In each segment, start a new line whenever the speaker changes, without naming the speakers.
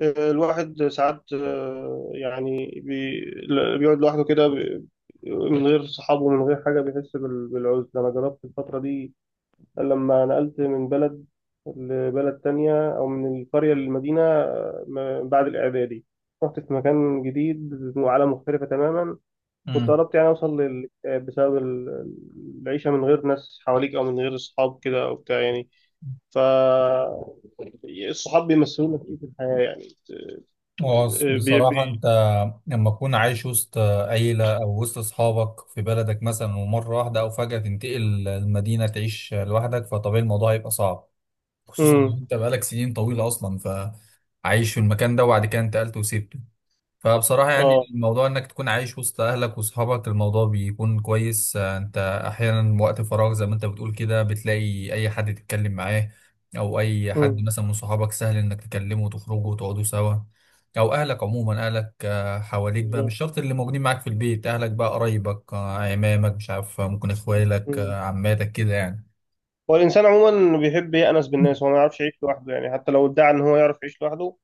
الواحد ساعات يعني بيقعد لوحده كده من غير صحابه ومن غير حاجة بيحس بالعزلة. أنا جربت الفترة دي لما نقلت من بلد لبلد تانية، أو من القرية للمدينة. بعد الإعدادي رحت في مكان جديد وعالم مختلفة تماما. كنت
امم
قربت يعني أوصل للاكتئاب بسبب العيشة من غير ناس حواليك، أو من غير صحاب كده أو بتاع يعني. ف الصحاب بيمثلوا لك إيه في الحياة يعني؟ بي بي
بصراحة أنت لما تكون عايش وسط عيلة أو وسط أصحابك في بلدك مثلا ومرة واحدة أو فجأة تنتقل المدينة تعيش لوحدك، فطبيعي الموضوع هيبقى صعب، خصوصا
امم،
ان انت بقالك سنين طويله اصلا فعايش في المكان ده وبعد كده انتقلت وسبته. فبصراحه يعني
اه،
الموضوع انك تكون عايش وسط اهلك واصحابك الموضوع بيكون كويس. انت احيانا وقت فراغ زي ما انت بتقول كده بتلاقي اي حد تتكلم معاه، او اي حد
امم،
مثلا من صحابك سهل انك تكلمه وتخرجوا وتقعدوا سوا، او اهلك عموما اهلك حواليك بقى، مش
بالظبط.
شرط اللي موجودين معاك في البيت، اهلك بقى قرايبك عمامك، مش عارف، ممكن اخوالك،
مم.
عماتك كده يعني.
هو الانسان عموما بيحب يأنس بالناس، هو ما يعرفش يعيش لوحده يعني، حتى لو ادعى ان هو يعرف يعيش لوحده.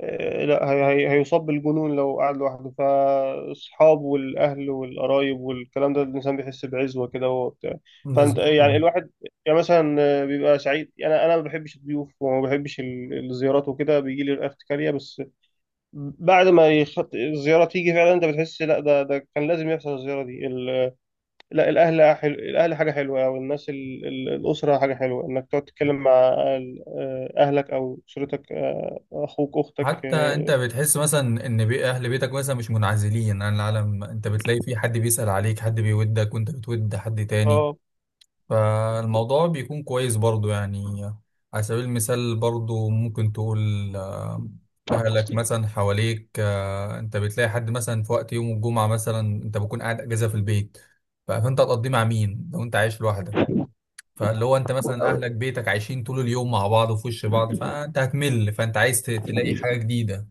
لا، هي هي هيصاب بالجنون لو قعد لوحده. فاصحابه والاهل والقرايب والكلام ده، الانسان بيحس بعزوه كده وهو بتاع. فانت
بالظبط،
يعني الواحد يعني مثلا بيبقى سعيد. انا ما بحبش الضيوف وما بحبش الزيارات وكده، بيجي لي الارتكاليه. بس بعد ما يخط... الزيارة تيجي فعلا، انت بتحس لا، ده كان لازم يحصل الزيارة دي. لا، الاهل حلو، الاهل حاجه حلوه، او الناس ال... الاسره حاجه حلوه انك تقعد تتكلم مع اهلك او اسرتك، اخوك اختك،
حتى انت
اه.
بتحس مثلا ان بي اهل بيتك مثلا مش منعزلين عن العالم، انت بتلاقي في حد بيسأل عليك، حد بيودك وانت بتود حد تاني،
آه.
فالموضوع بيكون كويس برضو يعني. على سبيل المثال برضو ممكن تقول آه، اهلك مثلا حواليك، انت بتلاقي حد مثلا في وقت يوم الجمعة مثلا انت بكون قاعد اجازة في البيت، فانت هتقضيه مع مين لو انت عايش لوحدك؟ فاللي هو انت مثلا اهلك بيتك عايشين طول اليوم مع بعض وفي وش بعض فانت هتمل، فانت عايز تلاقي حاجة جديدة.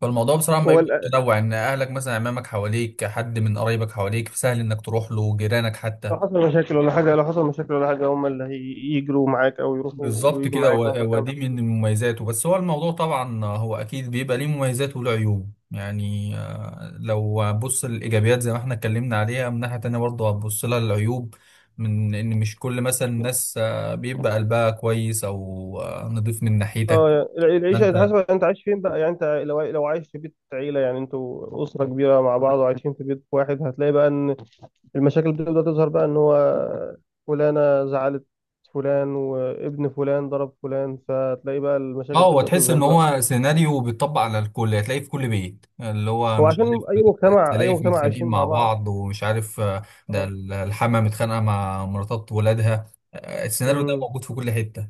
فالموضوع بصراحة ما
هو
بيبقى متنوع ان اهلك مثلا امامك، حواليك حد من قرايبك حواليك، سهل انك تروح له، جيرانك
لو
حتى.
حصل مشاكل ولا حاجه، هم اللي يجروا معاك او يروحوا
بالظبط
ويجوا
كده،
معاك مهما كان.
ودي من مميزاته. بس هو الموضوع طبعا هو اكيد بيبقى ليه مميزات وله عيوب يعني. لو هتبص الايجابيات زي ما احنا اتكلمنا عليها، من ناحية تانية برضه هتبص لها العيوب، من ان مش كل مثلا الناس بيبقى قلبها كويس او نضيف من ناحيتك.
اه، يعني العيشه
فانت
حسب انت عايش فين بقى يعني. انت لو عايش في بيت عيله، يعني انتوا اسره كبيره مع بعض وعايشين في بيت واحد، هتلاقي بقى ان المشاكل بتبدأ تظهر بقى، ان هو فلانة زعلت، فلان وابن فلان ضرب فلان، فتلاقي بقى
اه،
المشاكل
هو
تبدأ
تحس
تظهر
ان
بقى.
هو سيناريو بيتطبق على الكل، هتلاقيه في كل بيت، اللي هو
هو
مش
عشان
عارف
اي مجتمع،
السلايف
عايشين
متخانقين
مع
مع
بعض.
بعض، ومش عارف ده
اه،
الحما متخانقه مع مراتات ولادها. السيناريو ده
امم.
موجود في كل حته،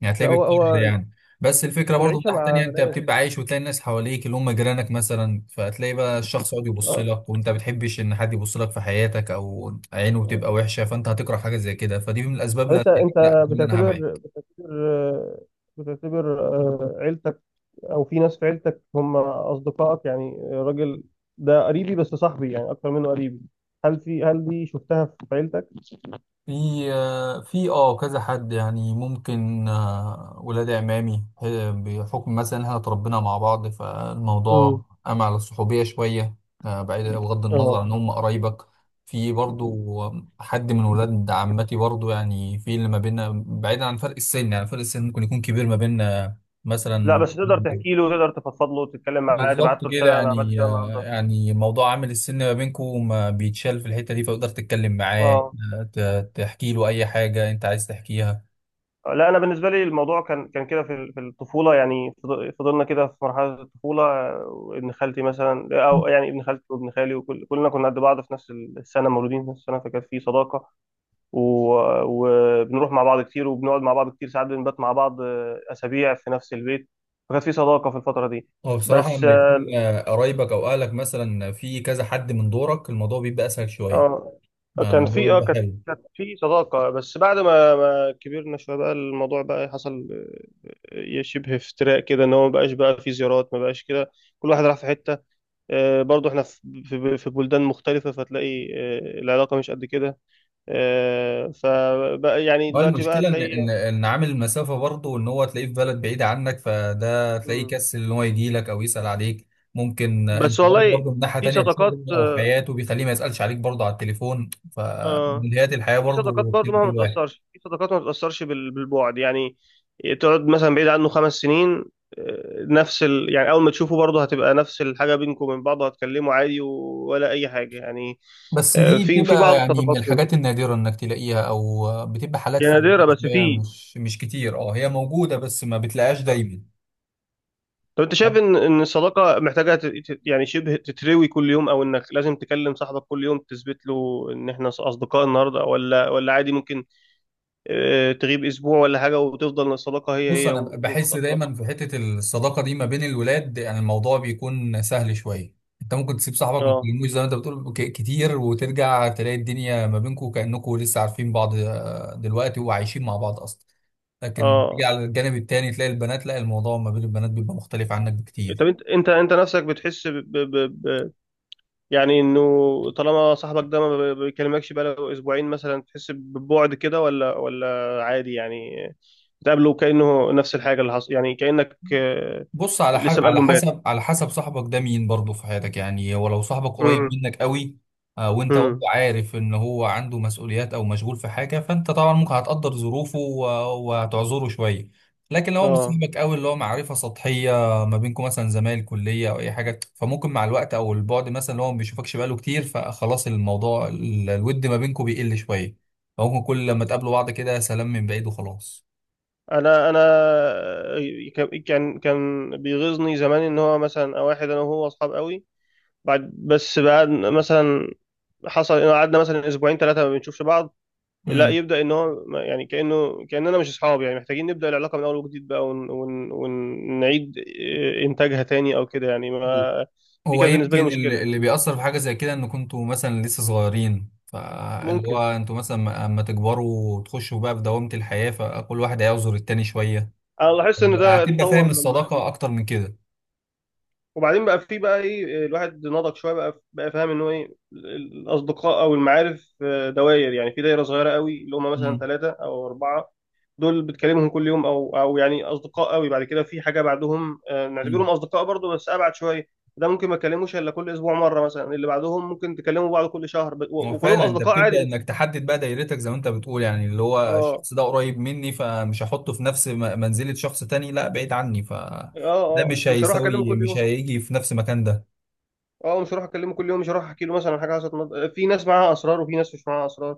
يعني
لا
هتلاقيه
هو
بيتكرر
هو
يعني. بس الفكره برضو من
العيشة
ناحيه تانيه،
مع
انت
ناس.
بتبقى عايش وتلاقي الناس حواليك اللي هم جيرانك مثلا، فتلاقي بقى الشخص يقعد يبص
اه.
لك وانت ما بتحبش ان حد يبص لك في حياتك، او عينه بتبقى وحشه فانت هتكره حاجه زي كده، فدي من الاسباب
طب
اللي
انت،
هتخليك لا تقول انا هبعد.
بتعتبر، عيلتك او في ناس في عيلتك هم اصدقائك؟ يعني الراجل ده قريبي، بس صاحبي يعني اكتر منه قريبي. هل في، هل دي شفتها في عيلتك؟
في، في اه كذا حد يعني، ممكن ولاد عمامي بحكم مثلا إن احنا اتربينا مع بعض
امم،
فالموضوع قام على الصحوبية شوية. بعيد بغض النظر
اه.
عن هم قرايبك، في برضو حد من ولاد عمتي برضو، يعني في اللي ما بيننا بعيدا عن فرق السن، يعني فرق السن ممكن يكون كبير ما بيننا
لا
مثلا.
بس تقدر تحكي له، تقدر تفضفض له، تتكلم معاه، تبعت
بالظبط
له
كده
رساله انا عملت
يعني،
كده النهارده.
يعني موضوع عامل السن ما بينكم ما بيتشال في الحتة دي، فتقدر تتكلم معاه،
اه.
تحكي له أي حاجة أنت عايز تحكيها.
لا، انا بالنسبه لي الموضوع كان كده في في الطفوله يعني. فضلنا كده في مرحله الطفوله. ابن خالتي مثلا، او يعني ابن خالتي وابن خالي وكل كلنا كنا قد بعض في نفس السنه، مولودين في نفس السنه، فكانت في صداقه. و... وبنروح مع بعض كتير وبنقعد مع بعض كتير، ساعات بنبات مع بعض اسابيع في نفس البيت. فكانت في صداقه في الفتره دي.
هو بصراحة
بس،
لما يكون قرايبك أو أهلك مثلا في كذا حد من دورك، الموضوع بيبقى أسهل شوية،
اه، آه،
يعني
كان
الموضوع
في اه
بيبقى
كانت
حلو.
كانت في صداقة. بس بعد ما كبرنا شوية بقى، الموضوع بقى حصل شبه افتراء كده، ان هو ما بقاش بقى في زيارات، ما بقاش كده. كل واحد راح في حتة. برضو احنا في في بلدان مختلفة، فتلاقي العلاقة مش قد كده. فبقى يعني
هو
دلوقتي بقى
المشكلة إن
تلاقي.
إن عامل المسافة برضه، إن هو تلاقيه في بلد بعيدة عنك، فده تلاقيه
مم.
كسل إن هو يجي لك أو يسأل عليك. ممكن
بس
انشغاله
والله
برضه من ناحية
في
تانية
صداقات،
بشغله أو حياته بيخليه ما يسألش عليك برضه على التليفون،
اه
فملهيات الحياة
في صداقات
برضه
برضو
بتلف
مهما
الواحد.
تأثرش، في صداقات ما بتأثرش بالبعد يعني. تقعد مثلا بعيد عنه خمس سنين، نفس ال... يعني أول ما تشوفه برضه هتبقى نفس الحاجة بينكم وبين بعض، هتكلموا عادي ولا أي حاجة يعني.
بس دي
في في
بتبقى
بعض
يعني من
الصداقات كده
الحاجات النادرة انك تلاقيها، او بتبقى حالات
يعني، نادرة
فردية
بس
شوية،
في.
مش كتير. أه هي موجودة بس ما بتلاقيهاش دايما.
طب أنت شايف إن الصداقة محتاجة ت... يعني شبه تتروي كل يوم، أو إنك لازم تكلم صاحبك كل يوم تثبت له إن إحنا أصدقاء النهاردة؟ ولا عادي ممكن تغيب أسبوع ولا حاجة وتفضل الصداقة هي
بص،
هي
انا
وما
بحس
بتتأثرش؟
دايما في حته الصداقه دي ما بين الولاد يعني الموضوع بيكون سهل شويه. انت ممكن تسيب صاحبك ما
أه،
تكلموش زي ما انت بتقول كتير، وترجع تلاقي الدنيا ما بينكم كانكم لسه عارفين بعض دلوقتي وعايشين مع بعض اصلا. لكن تيجي
اه.
على الجانب التاني تلاقي البنات، لا، الموضوع ما بين البنات بيبقى مختلف عنك
طب
بكتير.
انت، انت نفسك بتحس ب... ب... ب... ب- يعني انه طالما صاحبك ده ما بيكلمكش بقاله اسبوعين مثلا، تحس ببعد كده؟ ولا عادي يعني، بتقابله كأنه نفس الحاجة اللي حصل، يعني كأنك
بص على ح،
لسه
على
مقابله امبارح.
حسب، على حسب صاحبك ده مين برضه في حياتك يعني. ولو صاحبك
امم،
قريب منك قوي، وانت برضه
امم،
عارف ان هو عنده مسؤوليات او مشغول في حاجه، فانت طبعا ممكن هتقدر ظروفه، و... وهتعذره شويه. لكن لو هو مش
اه.
صاحبك قوي، اللي هو معرفه سطحيه ما بينكم مثلا زمايل كليه او اي حاجه، فممكن مع الوقت او البعد مثلا اللي هو ما بيشوفكش بقاله كتير، فخلاص الموضوع الود ما بينكم بيقل شويه، فممكن كل لما تقابلوا بعض كده سلام من بعيد وخلاص.
انا انا ك- كان كان بيغيظني زمان ان هو مثلا، او واحد انا وهو اصحاب قوي، بعد، بس بعد مثلا حصل انه قعدنا مثلا اسبوعين ثلاثة ما بنشوفش بعض، لا
امم،
يبدأ ان هو يعني كأنه كأننا مش اصحاب يعني، محتاجين نبدأ العلاقة من اول وجديد بقى، ون... ون... ونعيد إيه، انتاجها تاني او كده يعني. ما دي
هو
كانت بالنسبة لي
يمكن
مشكلة
اللي
يعني.
اللي بيأثر في حاجة زي كده ان كنتوا مثلا لسه صغيرين، فاللي هو
ممكن،
انتوا مثلا ما، اما تكبروا وتخشوا بقى في دوامة الحياة فكل واحد هيعذر التاني شوية.
انا لاحظت ان ده
هتبقى
اتطور
فاهم
لما
الصداقة اكتر من كده.
وبعدين بقى، في بقى ايه، الواحد نضج شويه بقى، بقى فاهم ان هو ايه، الاصدقاء او المعارف دوائر يعني. في دايره صغيره قوي اللي هم مثلا
مم.
ثلاثه او اربعه، دول بتكلمهم كل يوم او او يعني اصدقاء قوي. بعد كده في حاجه بعدهم
مم.
نعتبرهم اصدقاء برضو بس ابعد شويه. ده ممكن ما تكلموش الا كل اسبوع مره مثلا. اللي بعدهم ممكن تكلموا بعض كل شهر
هو
وكلهم
فعلا انت
اصدقاء عادي
بتبدأ انك
بس.
تحدد بقى دايرتك زي ما انت بتقول، يعني اللي هو
اه،
الشخص ده قريب مني فمش هحطه في نفس منزلة شخص تاني لا بعيد عني، فده
اه، اه،
مش
مش هروح اكلمه
هيساوي،
كل
مش
يوم.
هيجي في نفس مكان ده.
اه مش هروح اكلمه كل يوم، مش هروح احكي له مثلا حاجه حصلت. في ناس معاها اسرار وفي ناس مش معاها اسرار.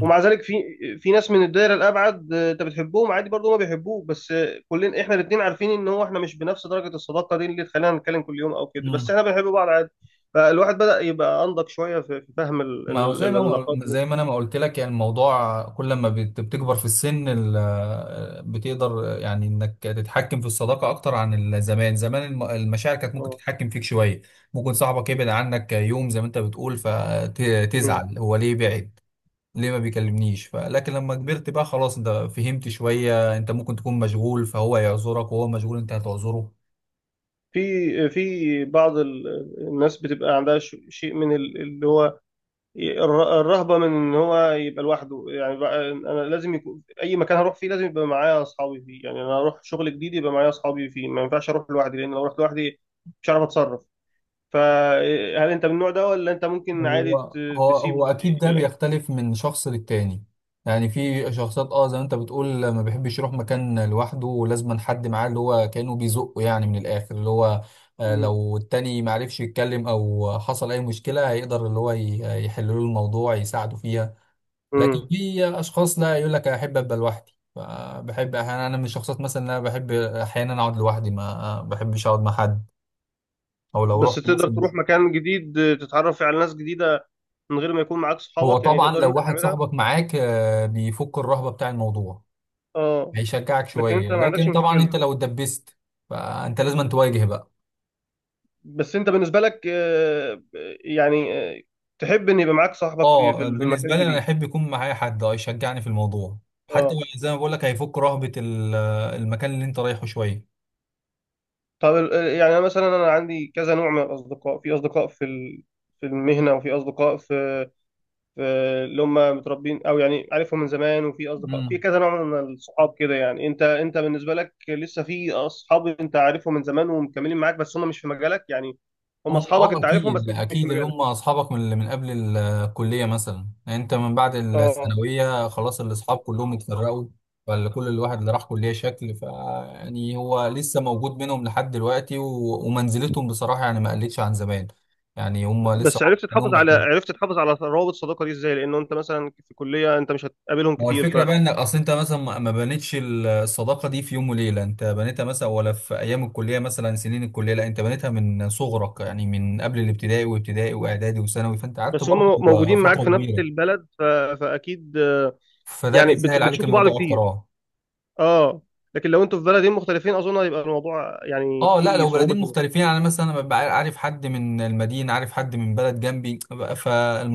ومع ذلك في، في ناس من الدايره الابعد، انت بتحبهم عادي برضه ما بيحبوك، بس كلنا احنا الاثنين عارفين ان هو احنا مش بنفس درجه الصداقه دي اللي تخلينا نتكلم كل يوم او كده، بس
امم،
احنا بنحب بعض عادي. فالواحد بدا يبقى انضج شويه في في فهم
ما هو زي ما
العلاقات
زي ما انا ما قلت لك، يعني الموضوع كل ما بتكبر في السن ال، بتقدر يعني انك تتحكم في الصداقه اكتر عن ال، زمان زمان المشاعر كانت ممكن
اه.
تتحكم فيك شويه. ممكن صاحبك يبعد عنك يوم زي ما انت بتقول
مم.
فتزعل هو ليه بعد؟ ليه ما بيكلمنيش؟ لكن لما كبرت بقى خلاص، انت فهمت شويه، انت ممكن تكون مشغول فهو يعذرك، وهو مشغول انت هتعذره.
في في بعض الناس بتبقى عندها شيء من اللي هو الرهبة من ان هو يبقى لوحده. يعني بقى انا لازم يكون اي مكان هروح فيه لازم يبقى معايا اصحابي فيه. يعني انا هروح شغل جديد يبقى معايا اصحابي فيه، ما ينفعش اروح لوحدي، لان لو رحت لوحدي مش هعرف اتصرف. فهل انت من النوع ده؟ ولا انت ممكن عادي
هو هو
تسيب
اكيد ده
يعني؟
بيختلف من شخص للتاني. يعني في شخصيات اه زي ما انت بتقول ما بيحبش يروح مكان لوحده ولازم حد معاه اللي هو كأنه بيزقه يعني، من الاخر اللي هو
مم.
لو التاني ما عرفش يتكلم او حصل اي مشكله هيقدر اللي هو يحل له الموضوع يساعده فيها. لكن
مم.
في اشخاص لا يقول لك احب ابقى لوحدي. بحب احيانا، انا من الشخصيات مثلا اللي انا بحب احيانا اقعد لوحدي، ما بحبش اقعد مع حد. او لو
بس
رحت
تقدر
مثلا،
تروح مكان جديد تتعرف فيه على ناس جديدة من غير ما يكون معاك
هو
صحابك؟ يعني
طبعا
تقدر
لو
انت
واحد
تعملها؟
صاحبك معاك، بيفك الرهبة بتاع الموضوع،
اه.
هيشجعك
لكن انت
شوية.
ما عندكش
لكن طبعا
مشكلة؟
انت لو اتدبست فانت لازم تواجه بقى.
بس انت بالنسبه لك يعني آه، تحب ان يبقى معاك صاحبك في في
اه
المكان
بالنسبة لي انا
الجديد؟
احب يكون معايا حد اه يشجعني في الموضوع، حتى
اه.
لو زي ما بقول لك هيفك رهبة المكان اللي انت رايحه شوية.
طب يعني انا مثلا انا عندي كذا نوع من الاصدقاء. في اصدقاء في في المهنه، وفي اصدقاء في، في اللي هم متربين او يعني عارفهم من زمان، وفي اصدقاء
مم.
في كذا نوع من الصحاب كده. يعني انت، بالنسبه لك لسه في اصحاب انت عارفهم من زمان ومكملين معاك، بس هم مش في مجالك يعني، هم
هم
اصحابك
اه،
انت عارفهم بس
اكيد
مش في
اكيد اللي
مجالك؟
هم اصحابك من من قبل الكليه مثلا، يعني انت من بعد
اه.
الثانويه خلاص الاصحاب كلهم اتفرقوا. فكل الواحد اللي راح كليه شكل، ف يعني هو لسه موجود منهم لحد دلوقتي، ومنزلتهم بصراحه يعني ما قلتش عن زمان، يعني هم لسه.
بس عرفت تحافظ على،
هم،
عرفت تحافظ على روابط الصداقه دي ازاي؟ لانه انت مثلا في كليه انت مش هتقابلهم
ما هو
كتير، ف
الفكرة بقى انك اصل انت مثلا ما بنيتش الصداقة دي في يوم وليلة، انت بنيتها مثلا، ولا في ايام الكلية مثلا سنين الكلية، لا انت بنيتها من صغرك يعني من قبل الابتدائي، وابتدائي واعدادي وثانوي، فانت قعدت
بس هم
برضه
موجودين معاك
فترة
في نفس
كبيرة،
البلد ف... فاكيد
فده
يعني بت...
بيسهل عليك
بتشوفوا بعض
الموضوع اكتر
كتير.
اه.
اه. لكن لو انتوا في بلدين مختلفين اظن هيبقى الموضوع يعني
اه لا،
فيه
لو
صعوبه
بلدين
شويه.
مختلفين يعني مثلا انا ببقى عارف حد من المدينة، عارف حد من بلد جنبي،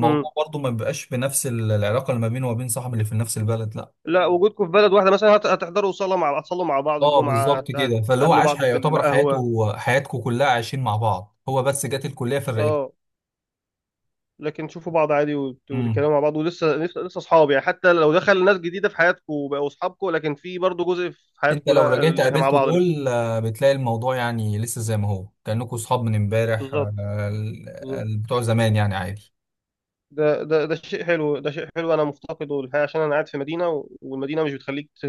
امم.
برضه ما بيبقاش بنفس العلاقة اللي ما بينه وما بين صاحبي اللي في نفس البلد، لا.
لا وجودكم في بلد واحده مثلا هت... هتحضروا صلاه مع، هتصلوا مع بعض
اه
الجمعه، هت...
بالظبط كده، فاللي هو
هتقابلوا
عاش
بعض في
يعتبر
القهوه.
حياته حياتكم كلها عايشين مع بعض، هو بس جت الكلية فرقته.
اه. لكن تشوفوا بعض عادي
امم،
وتتكلموا مع بعض، ولسه لسه لسه اصحاب يعني، حتى لو دخل ناس جديده في حياتكم وبقوا اصحابكم، لكن في برضه جزء في
انت
حياتكم
لو رجعت
لا احنا مع
قابلت
بعض لسه.
دول بتلاقي الموضوع يعني لسه زي ما هو، كأنكم صحاب من امبارح
بالظبط، بالظبط.
بتوع زمان يعني عادي.
ده شيء حلو، ده شيء حلو، انا مفتقده الحقيقه، عشان انا قاعد في مدينه والمدينه مش بتخليك ت...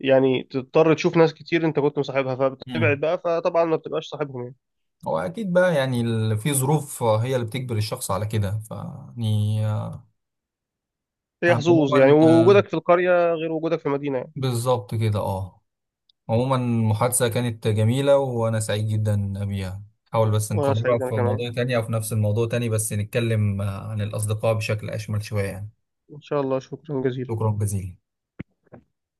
يعني تضطر تشوف ناس كتير انت كنت مصاحبها، فبتبعد
امم،
بقى، فطبعا ما بتبقاش صاحبهم يعني.
هو اكيد بقى يعني ال، في ظروف هي اللي بتجبر الشخص على كده فيعني
هي حظوظ يعني،
عموما
ووجودك في القريه غير وجودك في المدينه يعني.
بالظبط كده اه. عموما المحادثة كانت جميلة وأنا سعيد جدا بيها. حاول بس
وانا
نكررها
سعيد، انا
في
كمان.
موضوع تاني أو في نفس الموضوع تاني بس نتكلم عن الأصدقاء بشكل أشمل شوية يعني.
ان شاء الله، شكرا جزيلا.
شكرا جزيلا.